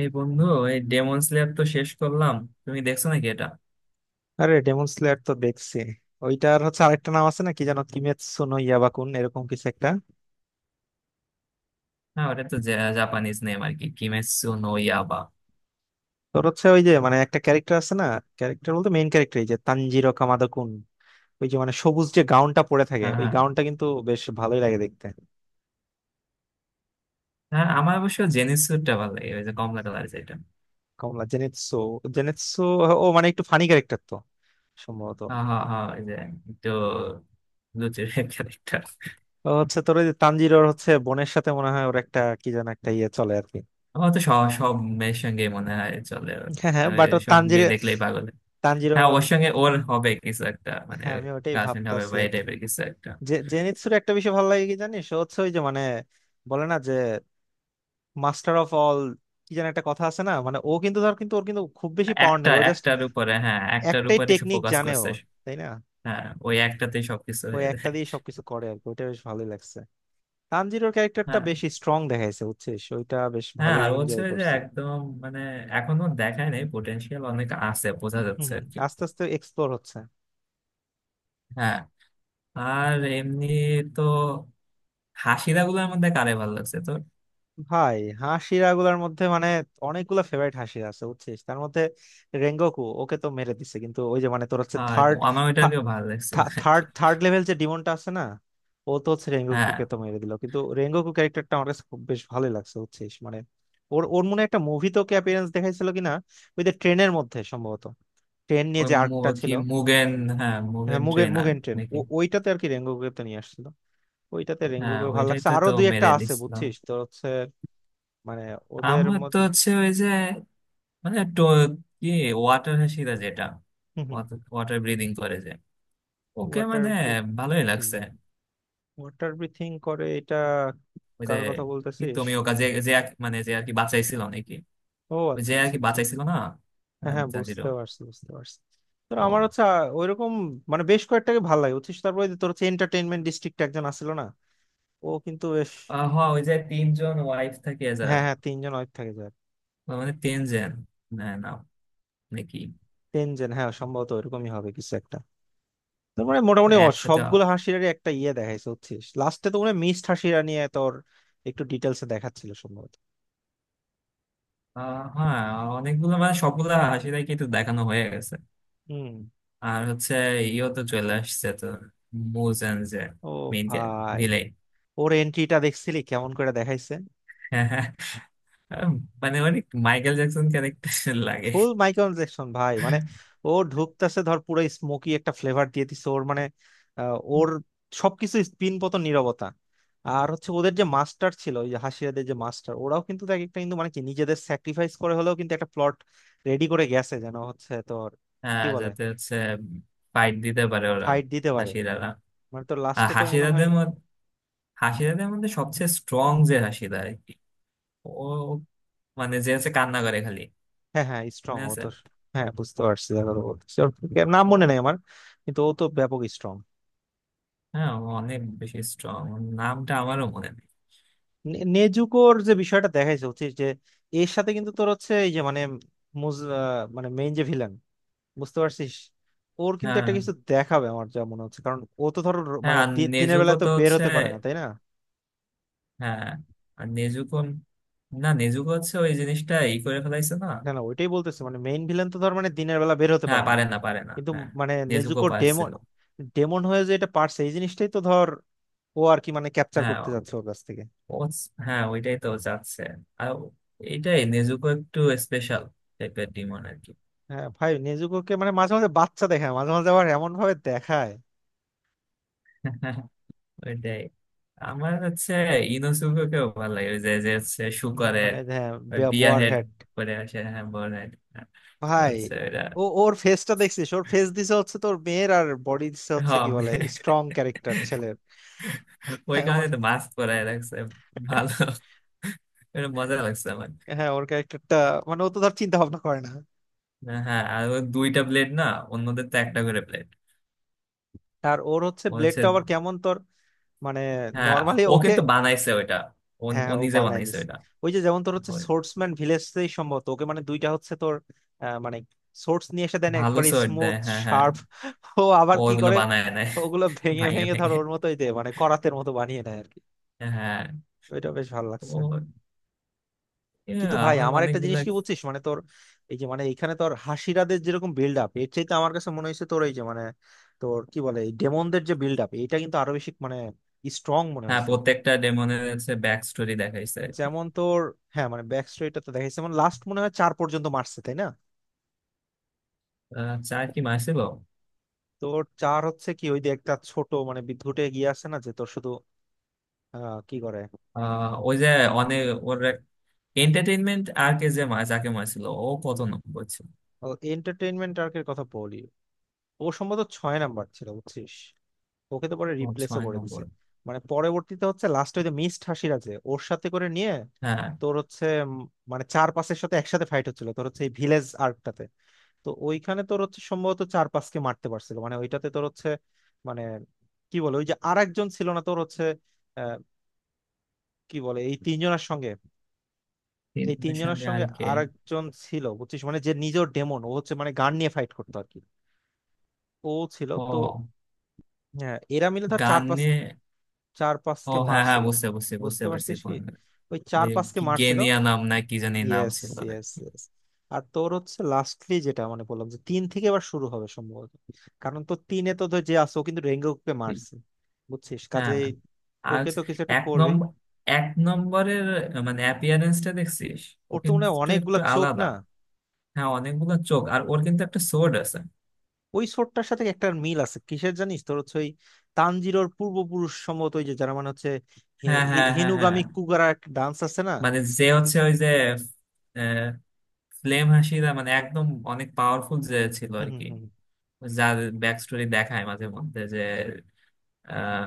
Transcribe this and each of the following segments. এই বন্ধু, এই ডেমন স্লেয়ার তো শেষ করলাম। তুমি দেখছো নাকি এটা? আরে ডেমন স্লেয়ার তো দেখছি। ওইটার হচ্ছে আরেকটা নাম আছে না, কি যেন কিমেৎসু নো ইয়াবাকুন, এরকম কিছু একটা। হ্যাঁ, ওটা তো জাপানিজ নেম আর কি, কিমেৎসু নো ইয়াইবা। তোর হচ্ছে ওই যে মানে একটা ক্যারেক্টার আছে না, ক্যারেক্টার বলতে মেইন ক্যারেক্টার, এই যে তানজিরো কামাদা-কুন। ওই যে মানে সবুজ যে গাউনটা পরে থাকে, হ্যাঁ ওই হ্যাঁ গাউনটা কিন্তু বেশ ভালোই লাগে দেখতে। হ্যাঁ আমার অবশ্য জেনিসুটা ভালো লাগে, ওই যে কমলা কালার যেটা। কমলা জেনেৎসু জেনেৎসু ও মানে একটু ফানি ক্যারেক্টার তো, সম্ভবত। হ্যাঁ হ্যাঁ হ্যাঁ ওই যে একটু লুচের ক্যারেক্টার। ও হচ্ছে তোর ওই যে তানজিরোর হচ্ছে বোনের সাথে মনে হয় ওর একটা কি যেন একটা ইয়ে চলে আর কি। আমার তো সব সব মেয়ের সঙ্গে মনে হয় চলে ওর। হ্যাঁ মানে হ্যাঁ, বাট ও ওই, সব তানজিরো মেয়ে দেখলেই পাগল। হ্যাঁ, তানজিরোর ওর সঙ্গে ওর হবে কিছু একটা, মানে হ্যাঁ, আমি ওটাই গার্লফ্রেন্ড হবে ভাবতাছি বা এই আর কি। টাইপের কিছু একটা। জেনিৎসুর একটা বিষয় ভালো লাগে কি জানিস, ও হচ্ছে ওই যে মানে, বলে না যে মাস্টার অফ অল, কি যেন একটা কথা আছে না, মানে ও কিন্তু ধর কিন্তু ওর কিন্তু খুব বেশি পাওয়ার একটা নেই, ও জাস্ট একটার উপরে, হ্যাঁ একটার একটাই উপরে সে টেকনিক ফোকাস জানে ও, করছে। তাই না। হ্যাঁ, ওই একটাতেই সবকিছু ওই হয়ে একটা যায়। দিয়ে সবকিছু করে আর কি, ওইটা বেশ ভালোই লাগছে। তানজিরোর ক্যারেক্টারটা হ্যাঁ, বেশি স্ট্রং দেখাইছে বুঝছিস, ওইটা বেশ হ্যাঁ ভালোই আর হচ্ছে এনজয় যে করছি। একদম মানে এখনো দেখায় নাই, পোটেনশিয়াল অনেক আছে বোঝা হম যাচ্ছে হম আর কি। আস্তে আস্তে এক্সপ্লোর হচ্ছে। হ্যাঁ, আর এমনি তো হাসিরা গুলোর মধ্যে কারে ভালো লাগছে তোর? ভাই, হাসিরা গুলার মধ্যে মানে, অনেকগুলো ফেভারিট হাসি আছে বুঝছিস, তার মধ্যে রেঙ্গোকু, ওকে তো মেরে দিছে, কিন্তু ওই যে মানে তোর হচ্ছে হ্যাঁ, থার্ড, আমার ওইটাকে ভালো লাগছিল আর থার্ড কি। থার্ড লেভেল যে ডিমনটা আছে না, ও তো হচ্ছে হ্যাঁ রেঙ্গোকুকে তো মেরে দিল, কিন্তু রেঙ্গোকু ক্যারেক্টারটা আমার কাছে খুব বেশ ভালোই লাগছে বুঝছিস, মানে ওর ওর মনে হয় একটা মুভি তো অ্যাপিয়ারেন্স দেখাইছিল কিনা, ওই যে ট্রেনের মধ্যে সম্ভবত, ট্রেন নিয়ে ওই যে আর্কটা কি ছিল। মুগেন, হ্যাঁ হ্যাঁ, মুগেন মুগের ট্রেনার মুগেন ট্রেন। নাকি। ওইটাতে আর কি রেঙ্গোকুকে তো নিয়ে আসছিল, ওইটাতে হ্যাঁ, রেঙ্গোকুকে ভালো ওইটাই লাগছে, তো আরো তো দুই একটা মেরে আছে দিছিল। বুঝছিস, তো হচ্ছে মানে ওদের আমার তো মধ্যে। হচ্ছে ওই যে মানে কি, ওয়াটার হাসিরা যেটা, হম হম, ওয়াটার ব্রিদিং করে যে, ওকে ওয়াটার মানে ভালোই ব্রিথিং। লাগছে। ওয়াটার ব্রিথিং করে এটা? ওই যে কার কথা কি বলতেছিস? তুমি ওকে, যে যে মানে যে আর কি বাঁচাইছিল নাকি, ও ওই আচ্ছা যে আর আচ্ছা কি আচ্ছা, বাঁচাইছিল না। হ্যাঁ হ্যাঁ, জাজিরো। বুঝতে পারছি বুঝতে পারছি। তো আমার ও, হচ্ছে ওইরকম মানে বেশ কয়েকটাকে ভালো লাগে বুঝছিস, তারপরে যে তোর হচ্ছে এন্টারটেইনমেন্ট ডিস্ট্রিক্ট একজন আসছিল না, ও কিন্তু বেশ। হ, ওই যে তিনজন ওয়াইফ থাকে যার। হ্যাঁ হ্যাঁ, তিনজন অনেক থাকে যার, মানে তিনজন, না না, নাকি তিনজন, হ্যাঁ সম্ভবত ওইরকমই হবে কিছু একটা। তোর মানে মোটামুটি ও একসাথে। সবগুলো হাসিরারই একটা ইয়ে দেখাইছে বুঝছিস, লাস্টে তো মনে হয় মিসড হাসিরা নিয়ে তোর একটু ডিটেলসে দেখাচ্ছিল সম্ভবত। হ্যাঁ, অনেকগুলো মানে সবগুলা হাসি দেখি তো দেখানো হয়ে গেছে। হুম। আর হচ্ছে ইও তো চলে আসছে তো, মুজেন যে, ও মেইন ভাই, ভিলেন। ওর এন্ট্রিটা দেখছিলি কেমন করে দেখাইছে, মানে অনেক মাইকেল জ্যাকসন ক্যারেক্টার লাগে। ফুল মাইকেল জ্যাকসন ভাই মানে। ও ঢুকতেছে ধর, পুরো স্মোকি একটা ফ্লেভার দিয়ে দিছে ওর মানে, ওর সবকিছু স্পিন, পতন, নীরবতা। আর হচ্ছে ওদের যে মাস্টার ছিল, ওই যে হাসিয়াদের যে মাস্টার, ওরাও কিন্তু দেখ একটা কিন্তু মানে কি নিজেদের স্যাক্রিফাইস করে হলেও কিন্তু একটা প্লট রেডি করে গেছে যেন, হচ্ছে তোর কি হ্যাঁ, বলে, যাতে হচ্ছে ফাইট দিতে পারে ওরা, ফাইট দিতে পারে হাসিরারা। মানে, তোর আর লাস্টে তো মনে হয়। হাসিরাদের মধ্যে, হাসিরাদের মধ্যে সবচেয়ে স্ট্রং যে হাসিরা আর কি, ও মানে, যে হচ্ছে কান্না করে খালি, হ্যাঁ হ্যাঁ, স্ট্রং মনে ও আছে? তো। হ্যাঁ বুঝতে পারছি, দেখো তো বলতেছি। ওর নাম ও, মনে নেই আমার, কিন্তু ও তো ব্যাপক স্ট্রং। হ্যাঁ ও অনেক বেশি স্ট্রং। নামটা আমারও মনে নেই। নেজুকোর যে বিষয়টা দেখাইছে হচ্ছে যে, এর সাথে কিন্তু তোর হচ্ছে এই যে মানে, মানে মেইন যে ভিলেন, বুঝতে পারছিস, ওর কিন্তু হ্যাঁ, একটা কিছু দেখাবে আমার যা মনে হচ্ছে, কারণ ও তো ধর হ্যাঁ মানে আর দিনের বেলা নেজুকো তো তো বের হচ্ছে, হতে পারে না, তাই না। হ্যাঁ আর নেজুকো, না নেজুকো হচ্ছে ওই জিনিসটা ই করে ফেলাইছে না। না না, ওইটাই বলতেছে মানে মেইন ভিলেন তো ধর মানে দিনের বেলা বের হতে হ্যাঁ, পারে না, পারে না, কিন্তু হ্যাঁ। মানে নেজুকো নেজুকো ডেমন পারছিল। ডেমন হয়ে যে এটা পারছে, এই জিনিসটাই তো ধর ও আর কি মানে ক্যাপচার হ্যাঁ, করতে যাচ্ছে ওর কাছ থেকে। ও হ্যাঁ, ওইটাই তো যাচ্ছে। আর এইটাই, নেজুকো একটু স্পেশাল টাইপের ডিমন আর কি। হ্যাঁ ভাই, নেজুকোকে মানে মাঝে মাঝে বাচ্চা দেখায়, মাঝে মাঝে আবার এমন ভাবে দেখায়। ওইটাই। আমার হচ্ছে ইনোসুকেও ভালো লাগে, ওই যে যে হচ্ছে শু করে, মানে ওই হ্যাঁ, বিয়ার বোয়ার। হেড করে আসে, হ্যাঁ বড় head। তো ভাই, হচ্ছে ওইটা। ও ওর ফেসটা দেখছিস, ওর ফেস দিছে হচ্ছে তোর মেয়ের, আর বডি দিছে হচ্ছে কি হম, বলে স্ট্রং ক্যারেক্টার ছেলের। ওই হ্যাঁ কারণে ওর, তো মাস্ক পরায় রাখছে। ভালো, এটা মজা লাগছে আমার। ক্যারেক্টারটা মানে ও তো ধর চিন্তা ভাবনা করে না। হ্যাঁ, আর ওর দুইটা প্লেট না, অন্যদের তো একটা করে প্লেট। আর ওর হচ্ছে ও হচ্ছে, ব্লেডটা আবার কেমন তোর, মানে হ্যাঁ নর্মালি ও ওকে, কিন্তু বানাইছে ওইটা, ও হ্যাঁ ও হ্যাঁ, ও নিজে বানায় বানাইছে। নিছে। ওই যে যেমন তোর হচ্ছে ওর সোর্সম্যান ভিলেজতেই সম্ভবত ওকে মানে দুইটা হচ্ছে তোর, মানে সোর্স নিয়ে এসে দেন ভালো একবারে শট স্মুথ, দেয়, হ্যাঁ হ্যাঁ। শার্প। ও ও আবার কি ওগুলো করে বানায় নেয়, ওগুলো ভেঙে ভেঙে ভেঙে ধর, ভেঙে, ওর মতোই দে মানে করাতের মতো বানিয়ে নেয় আর কি, হ্যাঁ। ওইটা বেশ ভালো লাগছে। ও yeah, কিন্তু ভাই আমার আমার একটা জিনিস অনেকগুলো। কি বলছিস মানে তোর, এই যে মানে এখানে তোর হাসিরাদের যেরকম বিল্ড আপ, এর চাইতে আমার কাছে মনে হয়েছে তোর এই যে মানে তোর কি বলে এই ডেমনদের যে বিল্ড আপ, এটা কিন্তু আরো বেশি মানে স্ট্রং মনে হ্যাঁ, হয়েছে। প্রত্যেকটা ডেমনের হচ্ছে ব্যাক স্টোরি দেখাইছে। যেমন তোর, হ্যাঁ মানে ব্যাক স্ট্রেটটা তো দেখাইছে, মানে লাস্ট মনে হয় চার পর্যন্ত মারছে তাই না। চার কি মারছিল? তোর চার হচ্ছে কি ওই যে একটা ছোট মানে বিদ্যুটে গিয়ে আসে না যে তোর শুধু কি করে, ওই যে অনেক ওর এন্টারটেইনমেন্ট আর কে যে যাকে মারছিল ও কত নম্বর ছিল? এন্টারটেইনমেন্ট আর্কের কথা বলি, ও সম্ভবত ছয় নাম্বার ছিল বুঝছিস, ওকে তো পরে ও রিপ্লেসও ছয় করে দিছে, নম্বর। মানে পরবর্তীতে হচ্ছে লাস্টে ওই যে মিস্ট হাসির আছে ওর সাথে করে নিয়ে, হ্যাঁ, তোর হচ্ছে মানে চার পাঁচের সাথে একসাথে ফাইট হচ্ছিল তোর হচ্ছে এই ভিলেজ আর্কটাতে। তো ওইখানে তোর হচ্ছে সম্ভবত চার পাঁচকে মারতে পারছিল মানে ওইটাতে তোর হচ্ছে মানে কি বলে, ওই যে আর একজন ছিল না তোর হচ্ছে, আহ, কি বলে এই তিনজনের সঙ্গে, এই তিনজনের তিনজনের সঙ্গে আর সঙ্গে কে? আর একজন ছিল বুঝছিস মানে যে নিজের ডেমন, ও হচ্ছে মানে গান নিয়ে ফাইট করতো আর কি, ও ছিল তো। ও হ্যাঁ, এরা মিলে ধর চার গান নিয়ে। পাঁচকে চার ও পাঁচকে হ্যাঁ হ্যাঁ, মারছিল, বুঝতে বুঝতে বুঝতে বুঝতে পারছি, পারছিস কোন কি, গান? ওই চার ওই পাঁচকে কি মারছিল। গেনিয়া নাম না কি জানি নাম ইয়েস, ছিল আর ইয়েস, কি। ইয়েস। আর তোর হচ্ছে লাস্টলি যেটা মানে বললাম যে তিন থেকে এবার শুরু হবে সম্ভবত, কারণ তো তিনে তো ধর যে আছে ও কিন্তু রেঙ্গুকে মারছে বুঝছিস, হ্যাঁ কাজে আর ওকে তো কিছু একটা এক করবেই। নম্বর, এক নম্বরের মানে অ্যাপিয়ারেন্সটা দেখছিস, ও ওর তো মনে হয় কিন্তু একটু অনেকগুলা চোখ আলাদা। না, হ্যাঁ অনেকগুলো চোখ, আর ওর কিন্তু একটা সোর্ড আছে। ওই ছোটটার সাথে একটা মিল আছে কিসের জানিস, তোর হচ্ছে ওই তানজিরোর পূর্বপুরুষ সম্ভবত, ওই যে যারা মানে হচ্ছে হে- হ্যাঁ হে- হ্যাঁ হ্যাঁ হ্যাঁ, হেনুগামি কুগারা, একটা ডান্স আছে না। মানে যে হচ্ছে ওই যে আহ, ফ্লেম হাসিরা, মানে একদম অনেক পাওয়ারফুল যে ছিল হুম আর হুম কি, হুম, যার ব্যাক স্টোরি দেখায় মাঝে মধ্যে যে, আহ,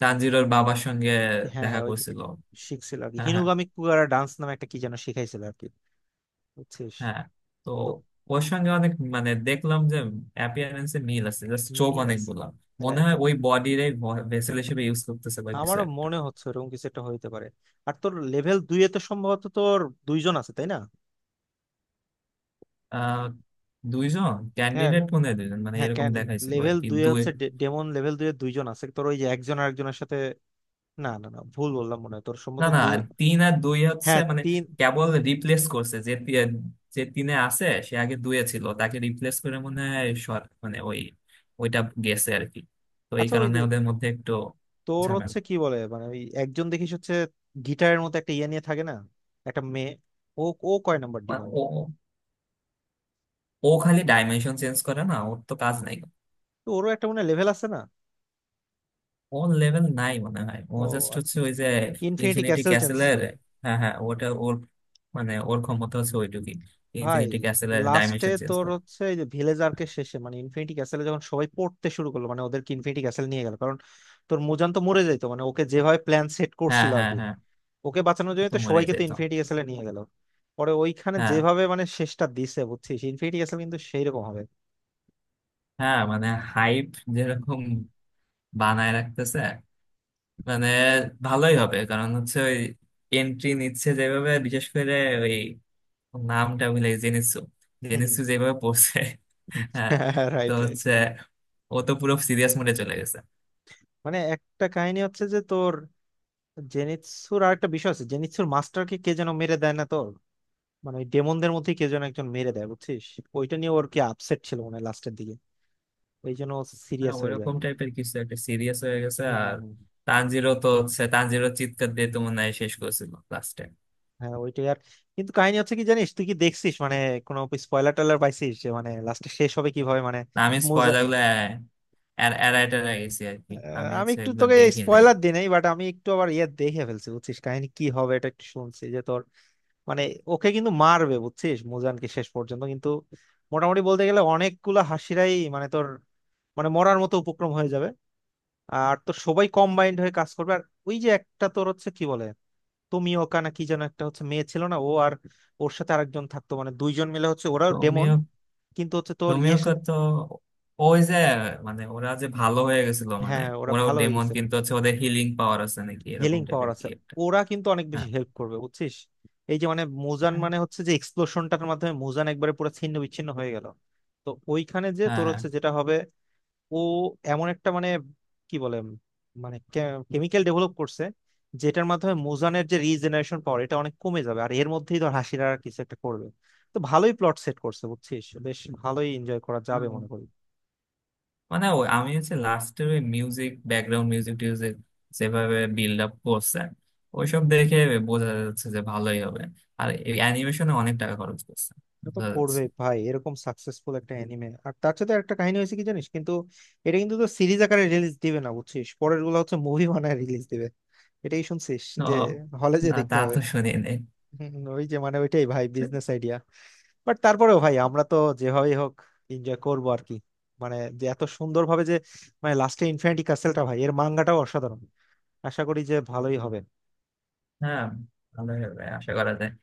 তানজিরোর বাবার সঙ্গে হ্যাঁ দেখা হ্যাঁ ওই যে করছিল। শিখছিল আর কি, হ্যাঁ হ্যাঁ হিনুগামি কুগারা ডান্স নামে একটা কি যেন শিখাইছিল আর কি, বুঝছিস। হ্যাঁ, তো তো ওর সঙ্গে অনেক মানে দেখলাম যে অ্যাপিয়ারেন্সে মিল আছে, জাস্ট চোখ মিল আছে, অনেকগুলা। মনে রাইট, হয় রাইট। ওই বডির ভেসেল হিসেবে ইউজ করতেছে বা কিছু আমারও একটা। মনে হচ্ছে ওরকম কিছু একটা হইতে পারে। আর তোর লেভেল দুই এ তো সম্ভবত তোর দুইজন আছে তাই না। আহ, দুইজন হ্যাঁ ক্যান্ডিডেট মনে হয়, দুইজন মানে হ্যাঁ, এরকম দেখাইছিল আর লেভেল কি, দুই এ দুই। হচ্ছে ডেমন লেভেল দুই এ দুইজন আছে তোর, ওই যে একজন আর একজনের সাথে, না না না, ভুল বললাম মনে হয় তোর না সম্ভবত না, দুই, তিন আর দুই হচ্ছে হ্যাঁ মানে তিন। কেবল রিপ্লেস করছে যে যে তিনে আছে সে আগে দুয়ে ছিল, তাকে রিপ্লেস করে মনে হয় মানে ওই ওইটা গেছে আর কি। তো এই আচ্ছা ওই কারণে যে ওদের মধ্যে একটু তোর হচ্ছে কি বলে মানে ওই একজন দেখিস হচ্ছে গিটারের মতো একটা ইয়ে নিয়ে থাকে না, একটা মেয়ে, ও ও কয় নাম্বার, ঝামেলা। ও খালি ডাইমেনশন চেঞ্জ করে, না ওর তো কাজ নাই। তো ওরও একটা মনে লেভেল আছে না। ওর লেভেল নাই মনে হয়, ও ও জাস্ট আচ্ছা হচ্ছে আচ্ছা, ওই যে ইনফিনিটি ইনফিনিটি ক্যাসেল চেঞ্জ ক্যাসেলের, কর। হ্যাঁ হ্যাঁ ওটা ওর, মানে ওর ক্ষমতা হচ্ছে ওইটুকুই, ভাই ইনফিনিটি ক্যাসেলের লাস্টে ডাইমেনশন চেঞ্জ তোর করে। হচ্ছে এই যে ভিলেজারকে শেষে মানে ইনফিনিটি ক্যাসেলে যখন সবাই পড়তে শুরু করলো, মানে ওদেরকে ইনফিনিটি ক্যাসেল নিয়ে গেল কারণ তোর মুজান তো মরে যাইতো মানে ওকে যেভাবে প্ল্যান সেট হ্যাঁ করছিল আর হ্যাঁ কি, হ্যাঁ ওকে বাঁচানোর ও জন্য তো তো মরে সবাইকে তো যেত। ইনফিনিটি ক্যাসেলে নিয়ে গেল। পরে ওইখানে হ্যাঁ, যেভাবে মানে শেষটা দিছে বুঝছিস, ইনফিনিটি ক্যাসেল কিন্তু সেই রকম হবে। হ্যাঁ মানে হাইপ যেরকম বানায় রাখতেছে, মানে ভালোই হবে, কারণ হচ্ছে ওই এন্ট্রি নিচ্ছে যেভাবে, বিশেষ করে ওই, নামটা ভুলে গেছি, জেনিসু, জেনিসু যেভাবে পড়ছে। হ্যাঁ, তো রাইট, রাইট। হচ্ছে ও তো পুরো সিরিয়াস মোডে চলে গেছে। মানে একটা কাহিনী হচ্ছে যে তোর, জেনিৎসুর আর একটা বিষয় আছে, জেনিৎসুর মাস্টারকে কে যেন মেরে দেয় না তোর, মানে ওই ডেমনদের মধ্যে কে যেন একজন মেরে দেয় বুঝছিস, ওইটা নিয়ে ওর কি আপসেট ছিল মনে হয় লাস্টের দিকে, ওই জন্য হ্যাঁ, সিরিয়াস হয়ে যায়। ওইরকম টাইপের কিছু একটা সিরিয়াস হয়ে গেছে। হুম হুম আর হুম, তানজিরও তো হচ্ছে, তানজিরও চিৎকার দিয়ে তো মনে হয় শেষ করেছিল লাস্টে। হ্যাঁ ওইটাই আর কিন্তু কাহিনী হচ্ছে কি জানিস, তুই কি দেখছিস মানে কোনো স্পয়লার টয়লার পাইছিস যে মানে লাস্টে শেষ হবে কিভাবে মানে না, আমি মোজা স্পয়লার গুলো এড়ায় টেড়ায় গেছি আর কি, আমি আমি হচ্ছে একটু এগুলো তোকে দেখি নাই। স্পয়লার দিই নাই, বাট আমি একটু আবার ইয়ে দেখে ফেলছি বুঝছিস কাহিনী কি হবে, এটা একটু শুনছি যে তোর, মানে ওকে কিন্তু মারবে বুঝছিস, মোজানকে শেষ পর্যন্ত, কিন্তু মোটামুটি বলতে গেলে অনেকগুলা হাসিরাই মানে তোর মানে মরার মতো উপক্রম হয়ে যাবে, আর তো সবাই কম্বাইন্ড হয়ে কাজ করবে। আর ওই যে একটা তোর হচ্ছে কি বলে তোমিওকা না কি যেন একটা হচ্ছে মেয়ে ছিল না ও আর, ওর সাথে আরেকজন থাকতো মানে দুইজন মিলে হচ্ছে ওরাও ডেমন তুমিও, কিন্তু হচ্ছে তোর তুমিও ইয়ের সাথে, তো ওই যে মানে ওরা যে ভালো হয়ে গেছিল মানে, হ্যাঁ ওরা ওরাও ভালো হয়ে ডেমন গেছে, কিন্তু হচ্ছে ওদের হিলিং পাওয়ার আছে নাকি এরকম হিলিং পাওয়ার টাইপের আছে, কি একটা। ওরা কিন্তু অনেক হ্যাঁ বেশি হেল্প করবে বুঝছিস। এই যে মানে মুজান মানে হচ্ছে যে এক্সপ্লোশনটার মাধ্যমে মুজান একবারে পুরো ছিন্ন বিচ্ছিন্ন হয়ে গেল, তো ওইখানে যে হ্যাঁ তোর হ্যাঁ। হচ্ছে যেটা হবে, ও এমন একটা মানে কি বলে মানে কেমিক্যাল ডেভেলপ করছে, যেটার মাধ্যমে মোজানের যে রিজেনারেশন পাওয়ার এটা অনেক কমে যাবে, আর এর মধ্যেই ধর হাসিরা আর কিছু একটা করবে। তো ভালোই প্লট সেট করছে বুঝছিস, বেশ ভালোই এনজয় করা যাবে হুম। মনে করি। মানে ওই, আমি হচ্ছে লাস্টের ওই মিউজিক, ব্যাকগ্রাউন্ড মিউজিক টিউজিক যেভাবে বিল্ড আপ করছে, ওইসব দেখে বোঝা যাচ্ছে যে ভালোই হবে। আর এই অ্যানিমেশনে অনেক টাকা খরচ করছে, এটা তো বোঝা যাচ্ছে। করবে ভাই, এরকম সাকসেসফুল একটা অ্যানিমে, আর তার সাথে একটা কাহিনী হয়েছে কি জানিস কিন্তু, এটা কিন্তু তো সিরিজ আকারে রিলিজ দিবে না বুঝছিস, পরের গুলো হচ্ছে মুভি বানায় রিলিজ দিবে, এটাই শুনছিস, তো যে হলে যে না, দেখতে তা হবে। তো শুনি নাই। হুম, ওই যে মানে ওইটাই ভাই বিজনেস আইডিয়া, বাট তারপরেও ভাই আমরা তো যেভাবেই হোক এনজয় করবো আর কি, মানে যে এত সুন্দর ভাবে যে মানে লাস্টে ইনফিনিটি কাসেলটা ভাই, এর মাঙ্গাটাও অসাধারণ, আশা করি যে ভালোই হবে। হ্যাঁ, ভালোই হবে আশা করা যায়।